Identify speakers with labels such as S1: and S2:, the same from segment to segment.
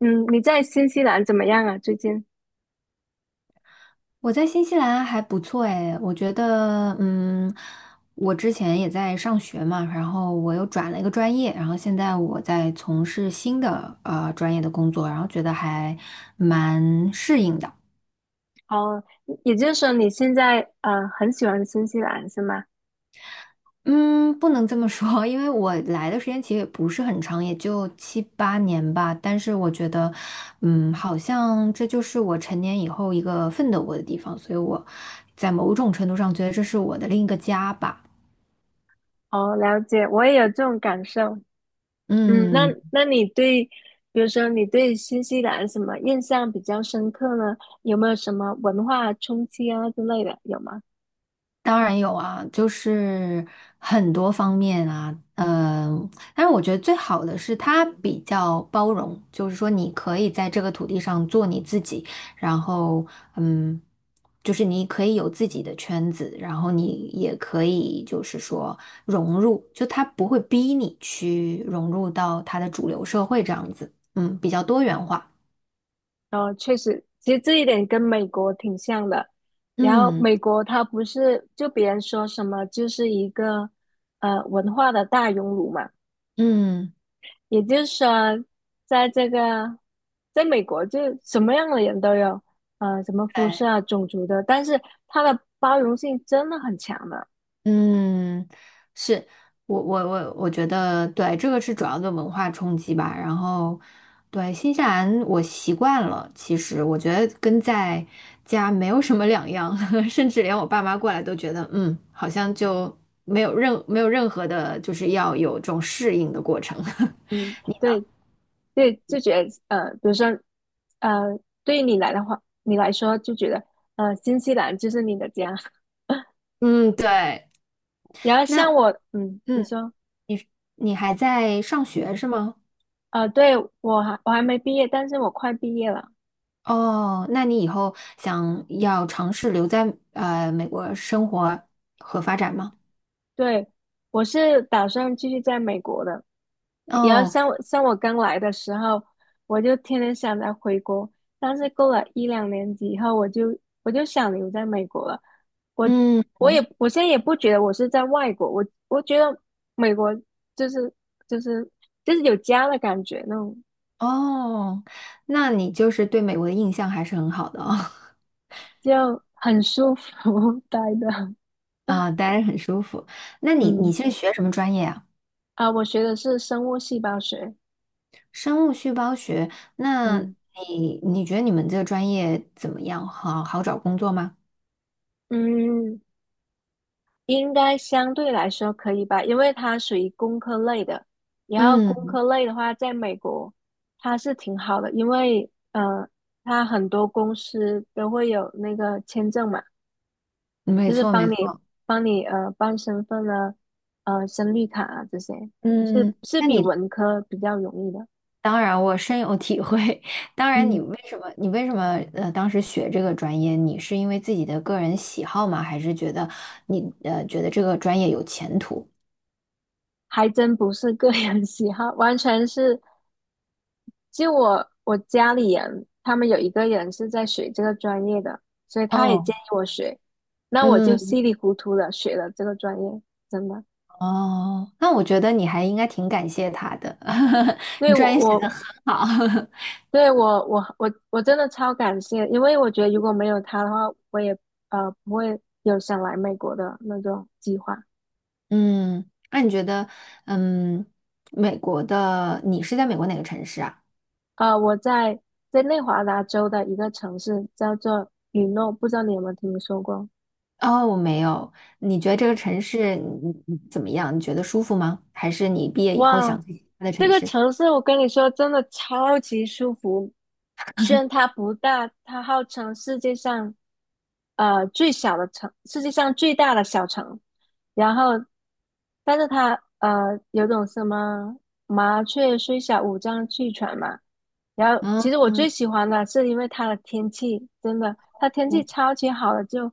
S1: 嗯，你在新西兰怎么样啊？最近？
S2: 我在新西兰还不错诶，我觉得，我之前也在上学嘛，然后我又转了一个专业，然后现在我在从事新的专业的工作，然后觉得还蛮适应的。
S1: 哦，也就是说你现在很喜欢新西兰是吗？
S2: 嗯，不能这么说，因为我来的时间其实也不是很长，也就七八年吧。但是我觉得，好像这就是我成年以后一个奋斗过的地方，所以我在某种程度上觉得这是我的另一个家吧。
S1: 哦，了解，我也有这种感受。嗯，那
S2: 嗯。
S1: 那你对，比如说你对新西兰什么印象比较深刻呢？有没有什么文化冲击啊之类的？有吗？
S2: 当然有啊，就是很多方面啊，但是我觉得最好的是它比较包容，就是说你可以在这个土地上做你自己，然后嗯，就是你可以有自己的圈子，然后你也可以就是说融入，就它不会逼你去融入到它的主流社会这样子，比较多元化。
S1: 哦，确实，其实这一点跟美国挺像的。然后
S2: 嗯
S1: 美国它不是就别人说什么就是一个文化的大熔炉嘛。
S2: 嗯。
S1: 也就是说，在这个，在美国就什么样的人都有，呃，什么肤色
S2: 对。
S1: 啊、种族的，但是它的包容性真的很强的。
S2: 嗯，是我觉得对，这个是主要的文化冲击吧。然后，对新西兰我习惯了，其实我觉得跟在家没有什么两样。甚至连我爸妈过来都觉得，好像就没有任何的，就是要有这种适应的过程。
S1: 对对，就觉得呃，比如说，呃，对于你来的话，你来说就觉得，呃，新西兰就是你的家。
S2: 嗯，对。
S1: 然后像
S2: 那
S1: 我，嗯，你
S2: 嗯，
S1: 说，
S2: 你还在上学是吗？
S1: 呃，对，我还没毕业，但是我快毕业了。
S2: 哦，那你以后想要尝试留在美国生活和发展吗？
S1: 对，我是打算继续在美国的。然后
S2: 哦，
S1: 像我刚来的时候，我就天天想着回国，但是过了一两年级以后，我就想留在美国了。我
S2: 嗯，
S1: 我我现在也不觉得我是在外国，我我觉得美国就是就是就是有家的感觉，那种
S2: 哦，那你就是对美国的印象还是很好的哦。
S1: 就很舒服 待的。
S2: 啊，待着很舒服。那你
S1: 嗯
S2: 现在学什么专业啊？
S1: 啊，我学的是生物细胞学。
S2: 生物细胞学。那
S1: 嗯
S2: 你觉得你们这个专业怎么样？好好找工作吗？
S1: 嗯，应该相对来说可以吧，因为它属于工科类的。然后工
S2: 嗯，
S1: 科类的话，在美国它是挺好的，因为呃，它很多公司都会有那个签证嘛，
S2: 没
S1: 就是
S2: 错没
S1: 帮你
S2: 错。
S1: 帮你办身份啊，呃申绿卡啊这些，是
S2: 嗯，
S1: 是
S2: 那
S1: 比
S2: 你
S1: 文科比较容易的。
S2: 当然，我深有体会。当然，你
S1: 嗯
S2: 为什么当时学这个专业？你是因为自己的个人喜好吗？还是觉得你觉得这个专业有前途？
S1: 还真不是个人 喜好，完全是就我家里人他们有一个人是在学这个专业的，所以他也建
S2: 哦，
S1: 议我学，那我就
S2: 嗯，
S1: 稀里糊涂的学了这个专业，真的。
S2: 哦，那我觉得你还应该挺感谢他的。
S1: 对
S2: 你专
S1: 我
S2: 业选得
S1: 我
S2: 很好。
S1: 对我我我我真的超感谢，因为我觉得如果没有他的话，我也不会有想来美国的那种计划。
S2: 嗯，那你觉得，嗯，美国的你是在美国哪个城市啊？
S1: 呃，我在在内华达州的一个城市叫做雨诺，不知道你有没有听说过？
S2: 哦，没有。你觉得这个城市你怎么样？你觉得舒服吗？还是你毕业以后
S1: 哇，
S2: 想去其他的
S1: 这
S2: 城
S1: 个
S2: 市？
S1: 城市我跟你说，真的超级舒服。虽然它不大，它号称世界上最小的城，世界上最大的小城。然后，但是他呃有种什么麻雀虽小，五脏俱全嘛。然后，
S2: 嗯
S1: 其实我最
S2: 嗯
S1: 喜欢的是因为它的天气，真的，它天气
S2: 嗯
S1: 超级好的，就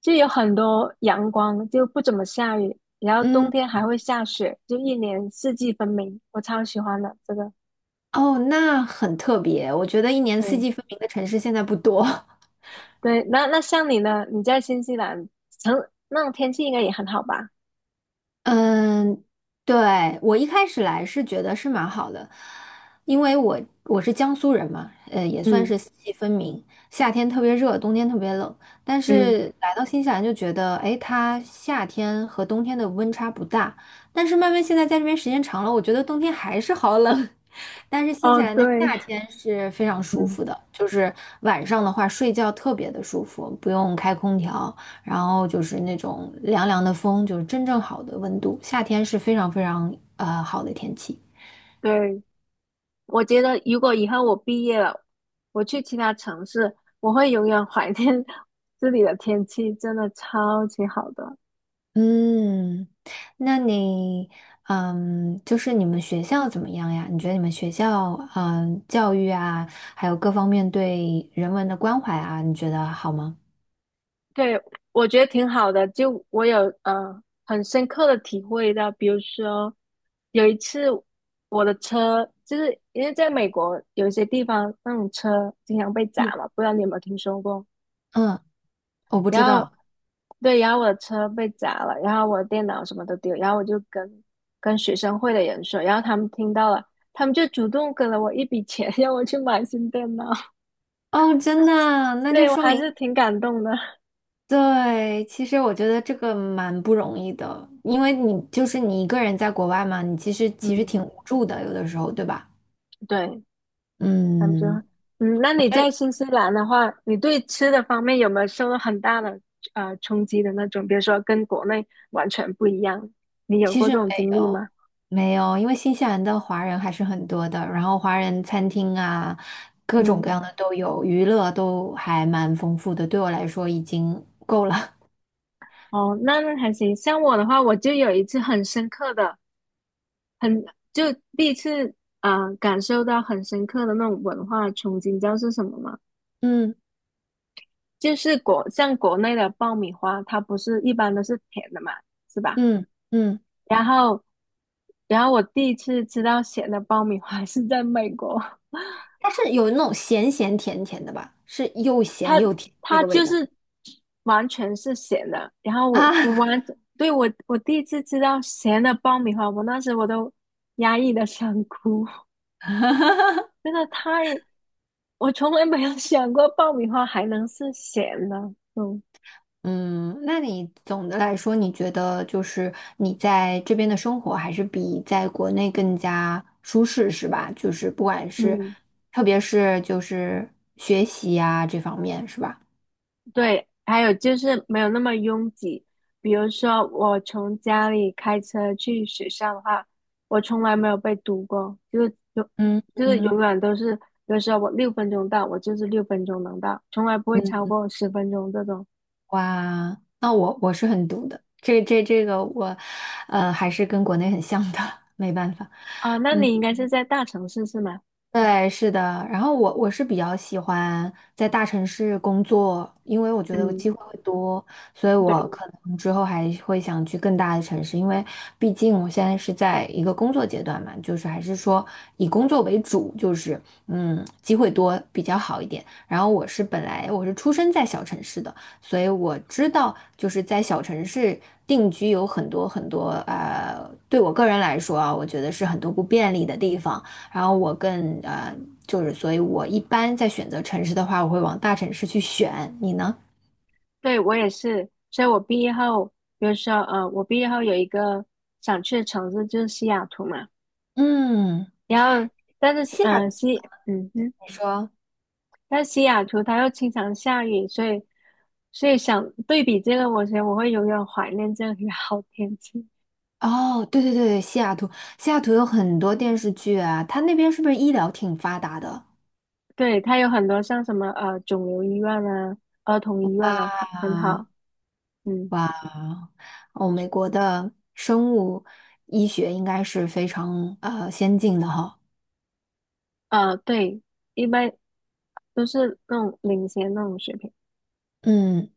S1: 就有很多阳光，就不怎么下雨，然后冬
S2: 嗯，
S1: 天还会下雪，就一年四季分明，我超喜欢的这个。
S2: 哦，那很特别。我觉得一年四
S1: 嗯，
S2: 季分明的城市现在不多。
S1: 对，那像你呢？你在新西兰，成那种天气应该也很好吧？
S2: 嗯，对，我一开始来是觉得是蛮好的，因为我是江苏人嘛，也算
S1: 嗯
S2: 是四季分明，夏天特别热，冬天特别冷。但
S1: 嗯，
S2: 是来到新西兰就觉得，哎，它夏天和冬天的温差不大。但是慢慢现在在这边时间长了，我觉得冬天还是好冷。但是新西
S1: 哦
S2: 兰的
S1: 对，
S2: 夏天是非常 舒
S1: 嗯
S2: 服的，就是晚上的话睡觉特别的舒服，不用开空调。然后就是那种凉凉的风，就是真正好的温度。夏天是非常非常好的天气。
S1: 对。我觉得如果以后我毕业了，我去其他城市，我会永远怀念 这里的天气，真的超级好的。
S2: 嗯，那你就是你们学校怎么样呀？你觉得你们学校教育啊，还有各方面对人文的关怀啊，你觉得好吗？
S1: 对，我觉得挺好的，就我有很深刻的体会到，比如说有一次我的车，就是因为在美国有一些地方那种车经常被砸
S2: 嗯，
S1: 嘛，不知道你有没有听说过？
S2: 嗯，我不知
S1: 然后
S2: 道。
S1: 对，然后我的车被砸了，然后我的电脑什么都丢，然后我就跟学生会的人说，然后他们听到了，他们就主动给了我一笔钱，让我去买新电脑。
S2: 哦，真的啊， 那
S1: 对，
S2: 就
S1: 我
S2: 说
S1: 还
S2: 明。
S1: 是挺感动的。
S2: 对，其实我觉得这个蛮不容易的，因为你就是你一个人在国外嘛，你其实
S1: 嗯，
S2: 挺无助的，有的时候，对吧？
S1: 对，他们觉，
S2: 嗯，
S1: 嗯，那
S2: 我
S1: 你
S2: 觉得
S1: 在新西兰的话，你对吃的方面有没有受到很大的冲击的那种？比如说跟国内完全不一样，你有
S2: 其
S1: 过
S2: 实
S1: 这种
S2: 没
S1: 经历
S2: 有
S1: 吗？
S2: 没有，因为新西兰的华人还是很多的，然后华人餐厅啊，各种各
S1: 嗯，
S2: 样的都有，娱乐都还蛮丰富的，对我来说已经够了。
S1: 哦，那还行。像我的话，我就有一次很深刻的。很就第一次啊，感受到很深刻的那种文化冲击，你知道是什么吗？
S2: 嗯
S1: 就是国像国内的爆米花，它不是一般都是甜的嘛，是吧？
S2: 嗯嗯，
S1: 然后然后我第一次吃到咸的爆米花 是在美国，
S2: 它是有那种咸咸甜甜的吧，是又
S1: 它
S2: 咸又甜那
S1: 它
S2: 个味
S1: 就
S2: 道
S1: 是完全是咸的。然后我我
S2: 啊。
S1: 完 对我我第一次吃到咸的爆米花，我那时我都压抑的想哭，真的太我从来没有想过爆米花还能是咸的。嗯
S2: 嗯，那你总的来说，你觉得就是你在这边的生活还是比在国内更加舒适，是吧？就是不管是，
S1: 嗯，
S2: 特别是就是学习呀、这方面，是吧？
S1: 对，还有就是没有那么拥挤。比如说，我从家里开车去学校的话，我从来没有被堵过，就是永
S2: 嗯
S1: 就是
S2: 嗯，
S1: 永远都是，比如说我六分钟到，我就是六分钟能到，从来不会超过十分钟这种。
S2: 哇，那我是很毒的，这个我，还是跟国内很像的。没办法。
S1: 啊，那
S2: 嗯。
S1: 你应该是在大城市是吗？
S2: 对，是的。然后我是比较喜欢在大城市工作，因为我觉得
S1: 嗯，
S2: 机会会多，所以我
S1: 对。
S2: 可能之后还会想去更大的城市，因为毕竟我现在是在一个工作阶段嘛，就是还是说以工作为主，就是机会多比较好一点。然后本来我是出生在小城市的，所以我知道就是在小城市定居有很多很多对我个人来说啊，我觉得是很多不便利的地方。然后我更就是所以，我一般在选择城市的话，我会往大城市去选。你呢？
S1: 对，我也是，所以我毕业后，比如说，呃，我毕业后有一个想去的城市就是西雅图嘛，
S2: 嗯，
S1: 然后但是，
S2: 你
S1: 呃，西，嗯哼，
S2: 说。
S1: 但西雅图它又经常下雨，所以，所以想对比这个，我觉得我会永远怀念这里的 好天气。
S2: 哦，对对对，西雅图，西雅图有很多电视剧啊，它那边是不是医疗挺发达的
S1: 对，它有很多像什么呃肿瘤医院啊、儿童医院啊，很
S2: 啊？
S1: 好，嗯，
S2: 哇，哦，美国的生物医学应该是非常先进的哈。
S1: 呃，对，一般都是那种领先那种水平。
S2: 嗯，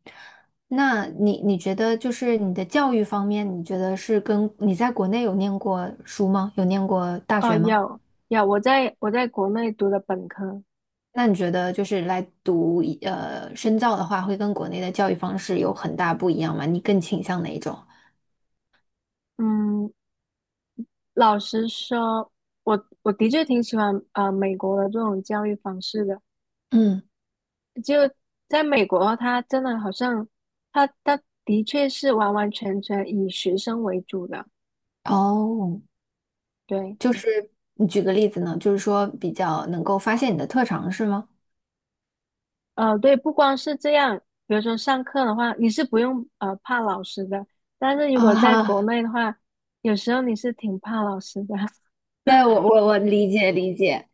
S2: 那你觉得就是你的教育方面，你觉得是跟你在国内有念过书吗？有念过大
S1: 哦，
S2: 学吗？
S1: 有，我在国内读的本科。
S2: 那你觉得就是来读深造的话，会跟国内的教育方式有很大不一样吗？你更倾向哪一种？
S1: 嗯，老实说，我我的确挺喜欢美国的这种教育方式的。
S2: 嗯，
S1: 就在美国，他真的好像，他他的确是完完全全以学生为主的。
S2: 哦，
S1: 对，
S2: 就是你举个例子呢，就是说比较能够发现你的特长是吗？
S1: 呃，对，不光是这样，比如说上课的话，你是不用呃怕老师的，但是如果在
S2: 啊，
S1: 国内的话，有时候你是挺怕老师的。
S2: 对，我理解理解，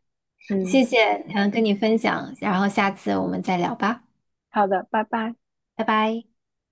S2: 谢
S1: 嗯，
S2: 谢，跟你分享，然后下次我们再聊吧，
S1: 好的，拜拜。
S2: 拜拜。